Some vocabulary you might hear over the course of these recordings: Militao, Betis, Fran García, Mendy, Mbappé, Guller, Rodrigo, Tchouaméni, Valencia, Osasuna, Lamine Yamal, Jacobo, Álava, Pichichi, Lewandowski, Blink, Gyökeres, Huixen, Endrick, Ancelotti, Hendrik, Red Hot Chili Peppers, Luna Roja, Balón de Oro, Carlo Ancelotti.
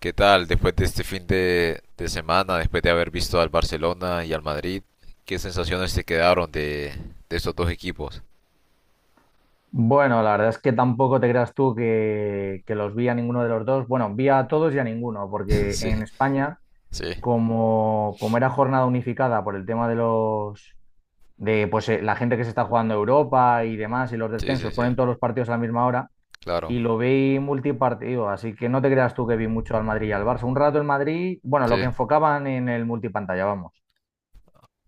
¿Qué tal después de este fin de semana, después de haber visto al Barcelona y al Madrid? ¿Qué sensaciones te quedaron de estos dos equipos? Bueno, la verdad es que tampoco te creas tú que los vi a ninguno de los dos. Bueno, vi a todos y a ninguno, porque Sí, en España, sí, como era jornada unificada por el tema de los de pues la gente que se está jugando Europa y demás, y los sí, sí, descensos, sí, ponen todos los partidos a la misma hora, claro, y lo vi multipartido, así que no te creas tú que vi mucho al Madrid y al Barça. Un rato el Madrid, bueno, lo sí, que enfocaban en el multipantalla, vamos.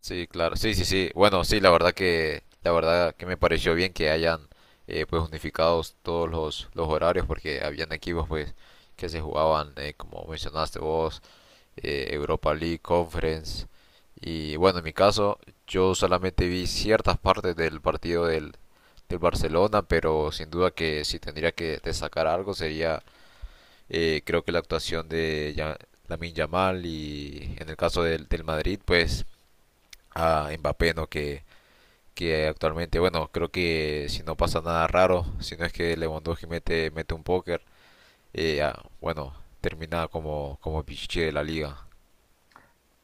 sí, claro, sí, sí, sí. Bueno, sí, la verdad que me pareció bien que hayan pues unificados todos los horarios porque habían equipos pues que se jugaban como mencionaste vos, Europa League, Conference. Y bueno, en mi caso, yo solamente vi ciertas partes del partido del Barcelona, pero sin duda que si tendría que destacar algo sería, creo que la actuación de Lamine Yamal, y en el caso del Madrid, pues a Mbappé, ¿no? Que actualmente, bueno, creo que si no pasa nada raro, si no es que Lewandowski mete un póker, bueno, termina como Pichichi de la liga.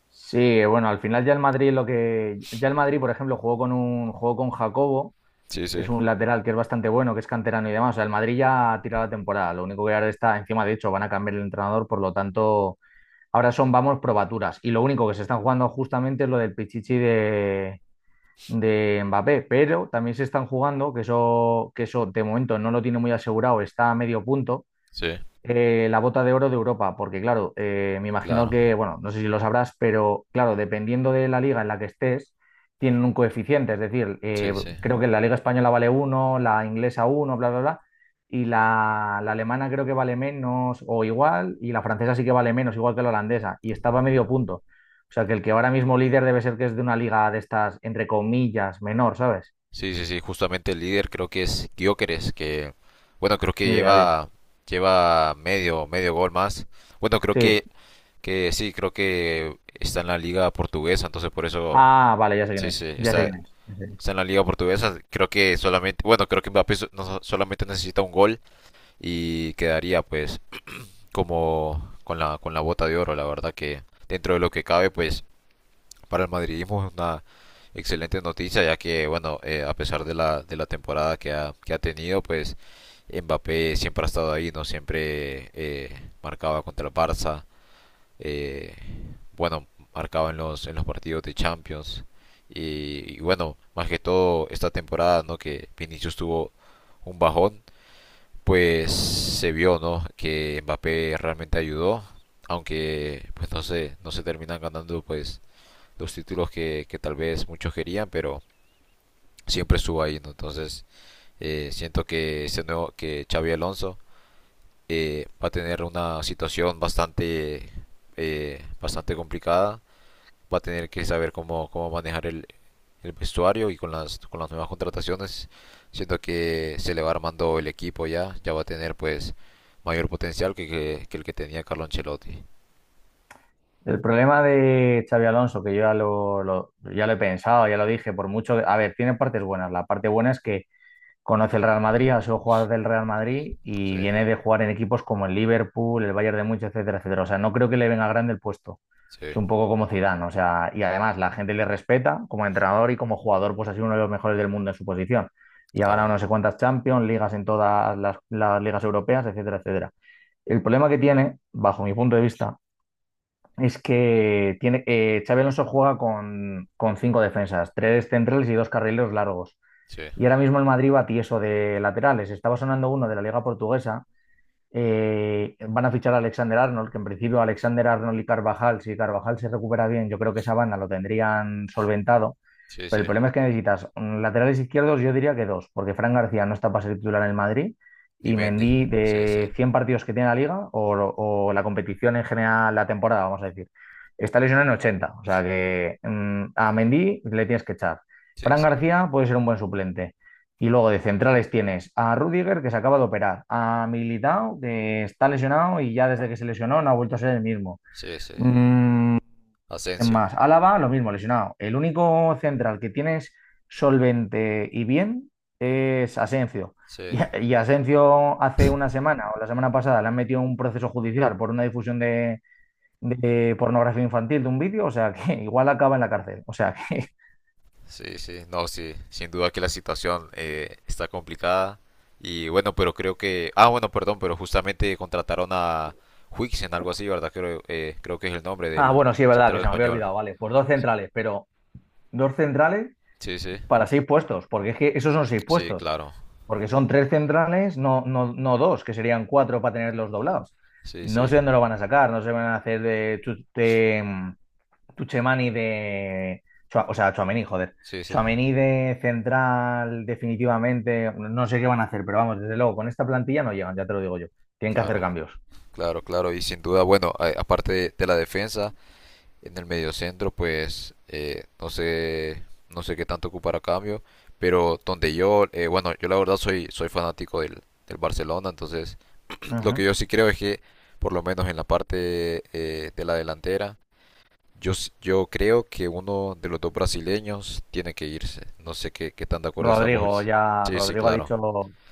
Sí, bueno, al final ya el Madrid lo que. Ya el Madrid, por ejemplo, jugó con Jacobo, Sí, que sí, es un lateral que es bastante bueno, que es canterano y demás. O sea, el Madrid ya ha tirado la temporada. Lo único que ahora está encima, de hecho, van a cambiar el entrenador, por lo tanto, ahora son, vamos, probaturas. Y lo único que se están jugando justamente es lo del pichichi de Mbappé, pero también se están jugando, que eso de momento no lo tiene muy asegurado, está a medio punto, sí. La bota de oro de Europa, porque claro, me imagino Claro, que, bueno, no sé si lo sabrás, pero claro, dependiendo de la liga en la que estés, tienen un coeficiente, es decir, sí, sí. creo que la liga española vale uno, la inglesa uno, bla, bla, bla, y la alemana creo que vale menos o igual, y la francesa sí que vale menos, igual que la holandesa, y estaba a medio punto. O sea, que el que ahora mismo líder debe ser que es de una liga de estas, entre comillas, menor, ¿sabes? Sí, sí, sí, justamente el líder creo que es Gyökeres, que bueno, creo que Ni idea, tío. Lleva medio gol más. Bueno, creo Sí. Que sí, creo que está en la liga portuguesa, entonces por eso Ah, vale, ya sé quién sí, sí, es, ya sé quién es. está en la liga portuguesa. Creo que solamente, bueno, creo que Mbappé so- no so- solamente necesita un gol y quedaría pues como con la bota de oro. La verdad que dentro de lo que cabe, pues para el madridismo es una excelente noticia, ya que, bueno, a pesar de la temporada que ha tenido, pues Mbappé siempre ha estado ahí, ¿no? Siempre marcaba contra el Barça, eh, bueno, marcaba en los partidos de Champions. Y bueno, más que todo esta temporada, ¿no? Que Vinicius tuvo un bajón, pues se vio, ¿no? Que Mbappé realmente ayudó, aunque pues no se terminan ganando pues los títulos que tal vez muchos querían, pero siempre estuvo ahí, ¿no? Entonces, siento que ese nuevo, que Xavi Alonso va a tener una situación bastante complicada. Va a tener que saber cómo manejar el vestuario, y con con las nuevas contrataciones, siento que se le va armando el equipo ya, ya va a tener pues mayor potencial que el que tenía Carlo Ancelotti. El problema de Xavi Alonso, que yo ya lo he pensado, ya lo dije, por mucho... A ver, tiene partes buenas. La parte buena es que conoce el Real Madrid, ha sido jugador del Real Madrid y Sí, viene de jugar en equipos como el Liverpool, el Bayern de Múnich, etcétera, etcétera. O sea, no creo que le venga grande el puesto. sí, Es un poco como Zidane, o sea, y además la gente le respeta como entrenador y como jugador, pues ha sido uno de los mejores del mundo en su posición. Y ha ganado claro, no sé cuántas Champions, ligas en todas las ligas europeas, etcétera, etcétera. El problema que tiene, bajo mi punto de vista, es que Xabi Alonso juega con cinco defensas, tres centrales y dos carrileros largos. sí, Y ahora mismo el Madrid va tieso de laterales. Estaba sonando uno de la Liga Portuguesa. Van a fichar a Alexander Arnold, que en principio Alexander Arnold y Carvajal, si Carvajal se recupera bien, yo creo que esa banda lo tendrían solventado. sí, Pero sí, el problema es que necesitas laterales izquierdos, yo diría que dos, porque Fran García no está para ser titular en el Madrid y Nimendi, Mendy sí, sí, de 100 partidos que tiene la liga o la competición en general, la temporada, vamos a decir, está lesionado en 80. O sea que a Mendy le tienes que echar. sí, Fran sí. García puede ser un buen suplente. Y luego de centrales tienes a Rudiger, que se acaba de operar, a Militao, que está lesionado y ya desde que se lesionó no ha vuelto a ser el mismo. Sí, sí. Mm, ¿Quién Asensio. más? Álava, lo mismo, lesionado. El único central que tienes solvente y bien es Asencio. Sí, Y, y Asencio hace una semana o la semana pasada le han metido un proceso judicial por una difusión de pornografía infantil de un vídeo, o sea que igual acaba en la cárcel. O sea que. sí, sí. No, sí. Sin duda que la situación, está complicada. Y bueno, pero creo que… Ah, bueno, perdón, pero justamente contrataron a Huixen, algo así, ¿verdad? Creo, creo que es el nombre Ah, del bueno, sí, es verdad que central se me había español. olvidado, vale. Pues dos centrales, pero dos centrales Sí, sí. para seis puestos, porque es que esos son seis Sí, puestos. claro. Porque son tres centrales, no, no, no dos, que serían cuatro para tenerlos doblados. Sí, No sí. sé dónde lo van a sacar, no se van a hacer de Tuchemani de. O sea, Tchouaméni, joder. Sí, sí. Tchouaméni de central, definitivamente. No sé qué van a hacer, pero vamos, desde luego, con esta plantilla no llegan, ya te lo digo yo. Tienen que hacer Claro. cambios. Claro, claro. Y sin duda, bueno, aparte de la defensa… En el mediocentro, pues no sé, no sé qué tanto ocupar a cambio, pero donde yo, yo la verdad soy fanático del Barcelona, entonces lo Ujú. que yo sí creo es que, por lo menos en la parte, de la delantera, yo creo que uno de los dos brasileños tiene que irse. No sé qué tan de acuerdo estás Rodrigo vos. ya, Sí, sí, Rodrigo ha claro. dicho,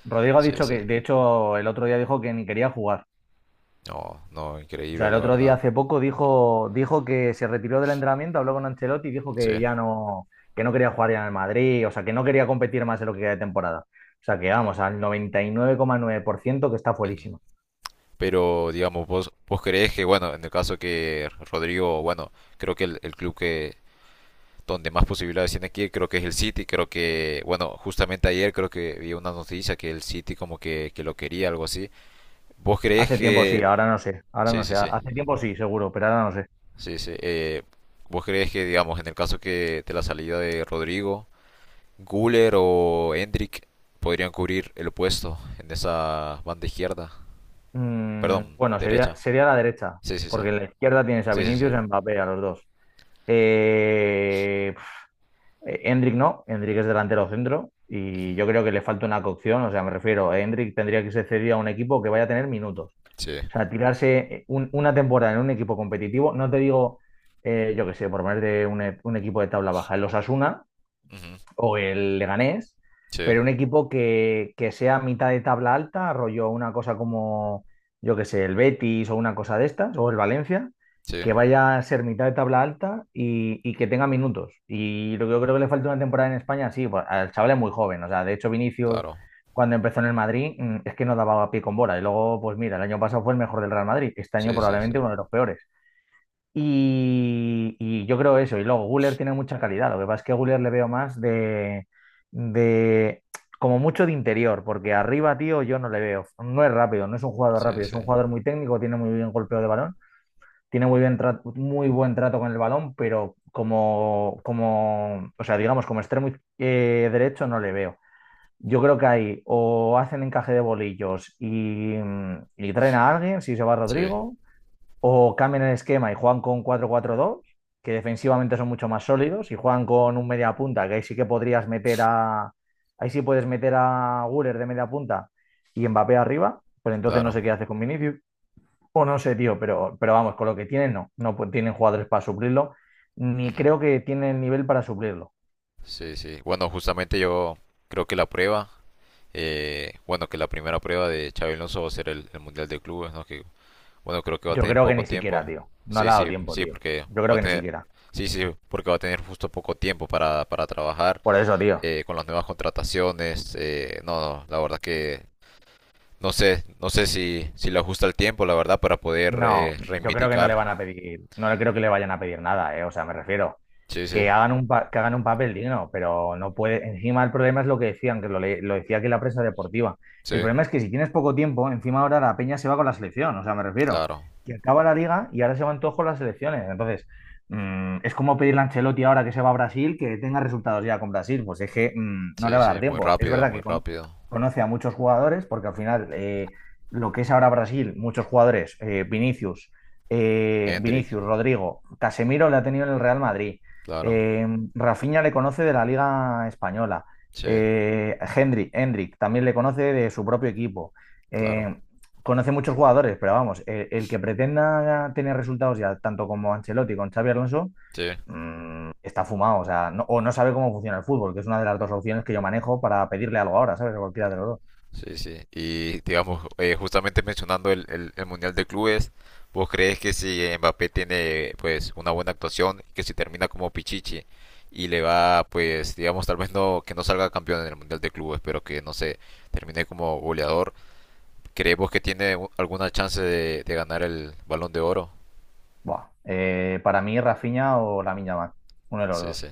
Rodrigo ha Sí, dicho sí. que, de hecho, el otro día dijo que ni quería jugar. No, no, O sea, increíble, el la otro día verdad. hace poco dijo que se retiró del entrenamiento, habló con Ancelotti y dijo Sí. que ya no, que no quería jugar ya en el Madrid, o sea, que no quería competir más en lo que queda de temporada. O sea, que vamos, al noventa y nueve coma nueve por ciento que está Ujú. fuerísimo. Pero, digamos, vos crees que, bueno, en el caso que Rodrigo, bueno, creo que el club que donde más posibilidades tiene aquí, creo que es el City. Creo que, bueno, justamente ayer creo que vi una noticia que el City como que lo quería, algo así. ¿Vos crees Hace tiempo sí, que… ahora no sé, ahora Sí, no sé. sí, sí, Hace tiempo sí, seguro, pero ahora no sé. sí, sí. ¿Vos crees que, digamos, en el caso que de la salida de Rodrigo, Guller o Hendrik podrían cubrir el puesto en esa banda izquierda? Perdón, Bueno, sería, derecha. sería la derecha, Sí, sí, sí. porque en la izquierda tienes a Sí, sí, sí. Vinicius y a Mbappé, a los dos. Eh, Hendrik no, Endrick es delantero centro Ujú. y yo creo que le falta una cocción, o sea, me refiero, Endrick tendría que ser cedido a un equipo que vaya a tener minutos. Sí. O sea, tirarse una temporada en un equipo competitivo, no te digo, yo qué sé, por ponerte un equipo de tabla baja, el Osasuna, Ujú, o el Leganés, sí, pero un equipo que sea mitad de tabla alta, rollo una cosa como, yo qué sé, el Betis o una cosa de estas, o el Valencia, sí, que vaya a ser mitad de tabla alta y que tenga minutos. Y lo que yo creo que le falta una temporada en España, sí, pues, al chaval es muy joven, o sea, de hecho Vinicius claro. cuando empezó en el Madrid es que no daba pie con bola y luego, pues mira, el año pasado fue el mejor del Real Madrid, este año Sí, sí, sí. probablemente uno de los peores. Y yo creo eso. Y luego Guller tiene mucha calidad. Lo que pasa es que a Guller le veo más de como mucho de interior, porque arriba, tío, yo no le veo. No es rápido, no es un jugador Sí, rápido, es sí. un jugador muy técnico, tiene muy bien golpeo de balón, tiene muy bien muy buen trato con el balón, pero o sea, digamos, como extremo derecho no le veo. Yo creo que ahí o hacen encaje de bolillos y traen a alguien, si se va Sí, Rodrigo, o cambian el esquema y juegan con 4-4-2 que defensivamente son mucho más sólidos, y juegan con un media punta, que ahí sí que podrías meter a. Ahí sí puedes meter a Guller de media punta y Mbappé arriba, pues entonces no sé claro. qué hace con Vinicius. O no sé, tío, pero vamos, con lo que tienen, no. Tienen jugadores para suplirlo, ni Ujú, creo que tienen nivel para suplirlo. sí, sí. Bueno, justamente yo creo que la prueba, bueno, que la primera prueba de Xabi Alonso va a ser el Mundial de Clubes, ¿no? Que, bueno, creo que va a Yo tener creo que poco ni siquiera, tiempo. tío. No le Sí, ha dado sí, tiempo, sí, tío. porque Yo creo va a que ni tener, siquiera. sí, sí, porque va a tener justo poco tiempo para trabajar Por eso, tío. Con las nuevas contrataciones. No, no, la verdad que no sé, no sé si, si le ajusta el tiempo, la verdad, para poder No, yo creo que no le reivindicar. van a pedir, no le creo que le vayan a pedir nada. O sea, me refiero. Sí, sí. Que hagan un papel digno, pero no puede. Encima el problema es lo que decían, que lo decía aquí la prensa deportiva. Sí, El problema es que si tienes poco tiempo, encima ahora la peña se va con la selección, o sea, me refiero, claro. que acaba la liga y ahora se van todos con las selecciones. Entonces, es como pedirle a Ancelotti ahora que se va a Brasil que tenga resultados ya con Brasil, pues es que no le Sí, va a dar sí, muy tiempo. Es rápido, verdad muy que rápido. conoce a muchos jugadores, porque al final lo que es ahora Brasil, muchos jugadores, Hendrik, Vinicius, Rodrigo, Casemiro le ha tenido en el Real Madrid. claro. Eh, Rafinha le conoce de la Liga Española. Sí, Hendrik también le conoce de su propio equipo. claro. Eh, Conoce muchos jugadores, pero vamos, el que pretenda tener resultados ya, tanto como Ancelotti, con Xavi Alonso, Sí, está fumado. O sea, no, o no sabe cómo funciona el fútbol, que es una de las dos opciones que yo manejo para pedirle algo ahora, ¿sabes? A cualquiera de los dos. sí, sí. Y digamos, justamente mencionando el Mundial de Clubes, ¿vos crees que si Mbappé tiene pues una buena actuación, que si termina como Pichichi y le va pues digamos tal vez no que no salga campeón en el Mundial de Clubes, pero que no sé, termine como goleador, ¿creemos que tiene alguna chance de ganar el Balón de Oro? Buah, para mí, Rafinha o la Yamal, uno de los Sí, sí. dos.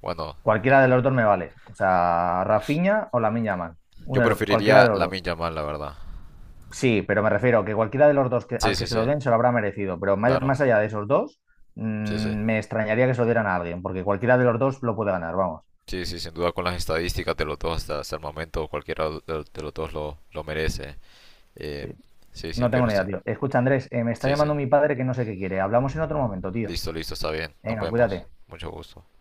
Bueno, Cualquiera de los dos me vale. O sea, Rafinha o la Yamal, yo cualquiera de preferiría la los Lamine dos. Yamal, la verdad. Sí, pero me refiero a que cualquiera de los dos Sí, al que sí, se sí, lo den se lo habrá merecido. Pero más, claro, más allá de esos dos, sí, sí, mm, me extrañaría que se lo dieran a alguien, porque cualquiera de los dos lo puede ganar, vamos. sí, sí, sin duda con las estadísticas de los dos hasta, hasta el momento cualquiera los de los dos lo merece. Eh, Sí. sí, sí, No tengo pero ni sí, idea, tío. Escucha, Andrés, me está sí, sí, llamando mi padre que no sé qué quiere. Hablamos en otro momento, tío. listo, listo, está bien, nos Venga, vemos, cuídate. mucho gusto.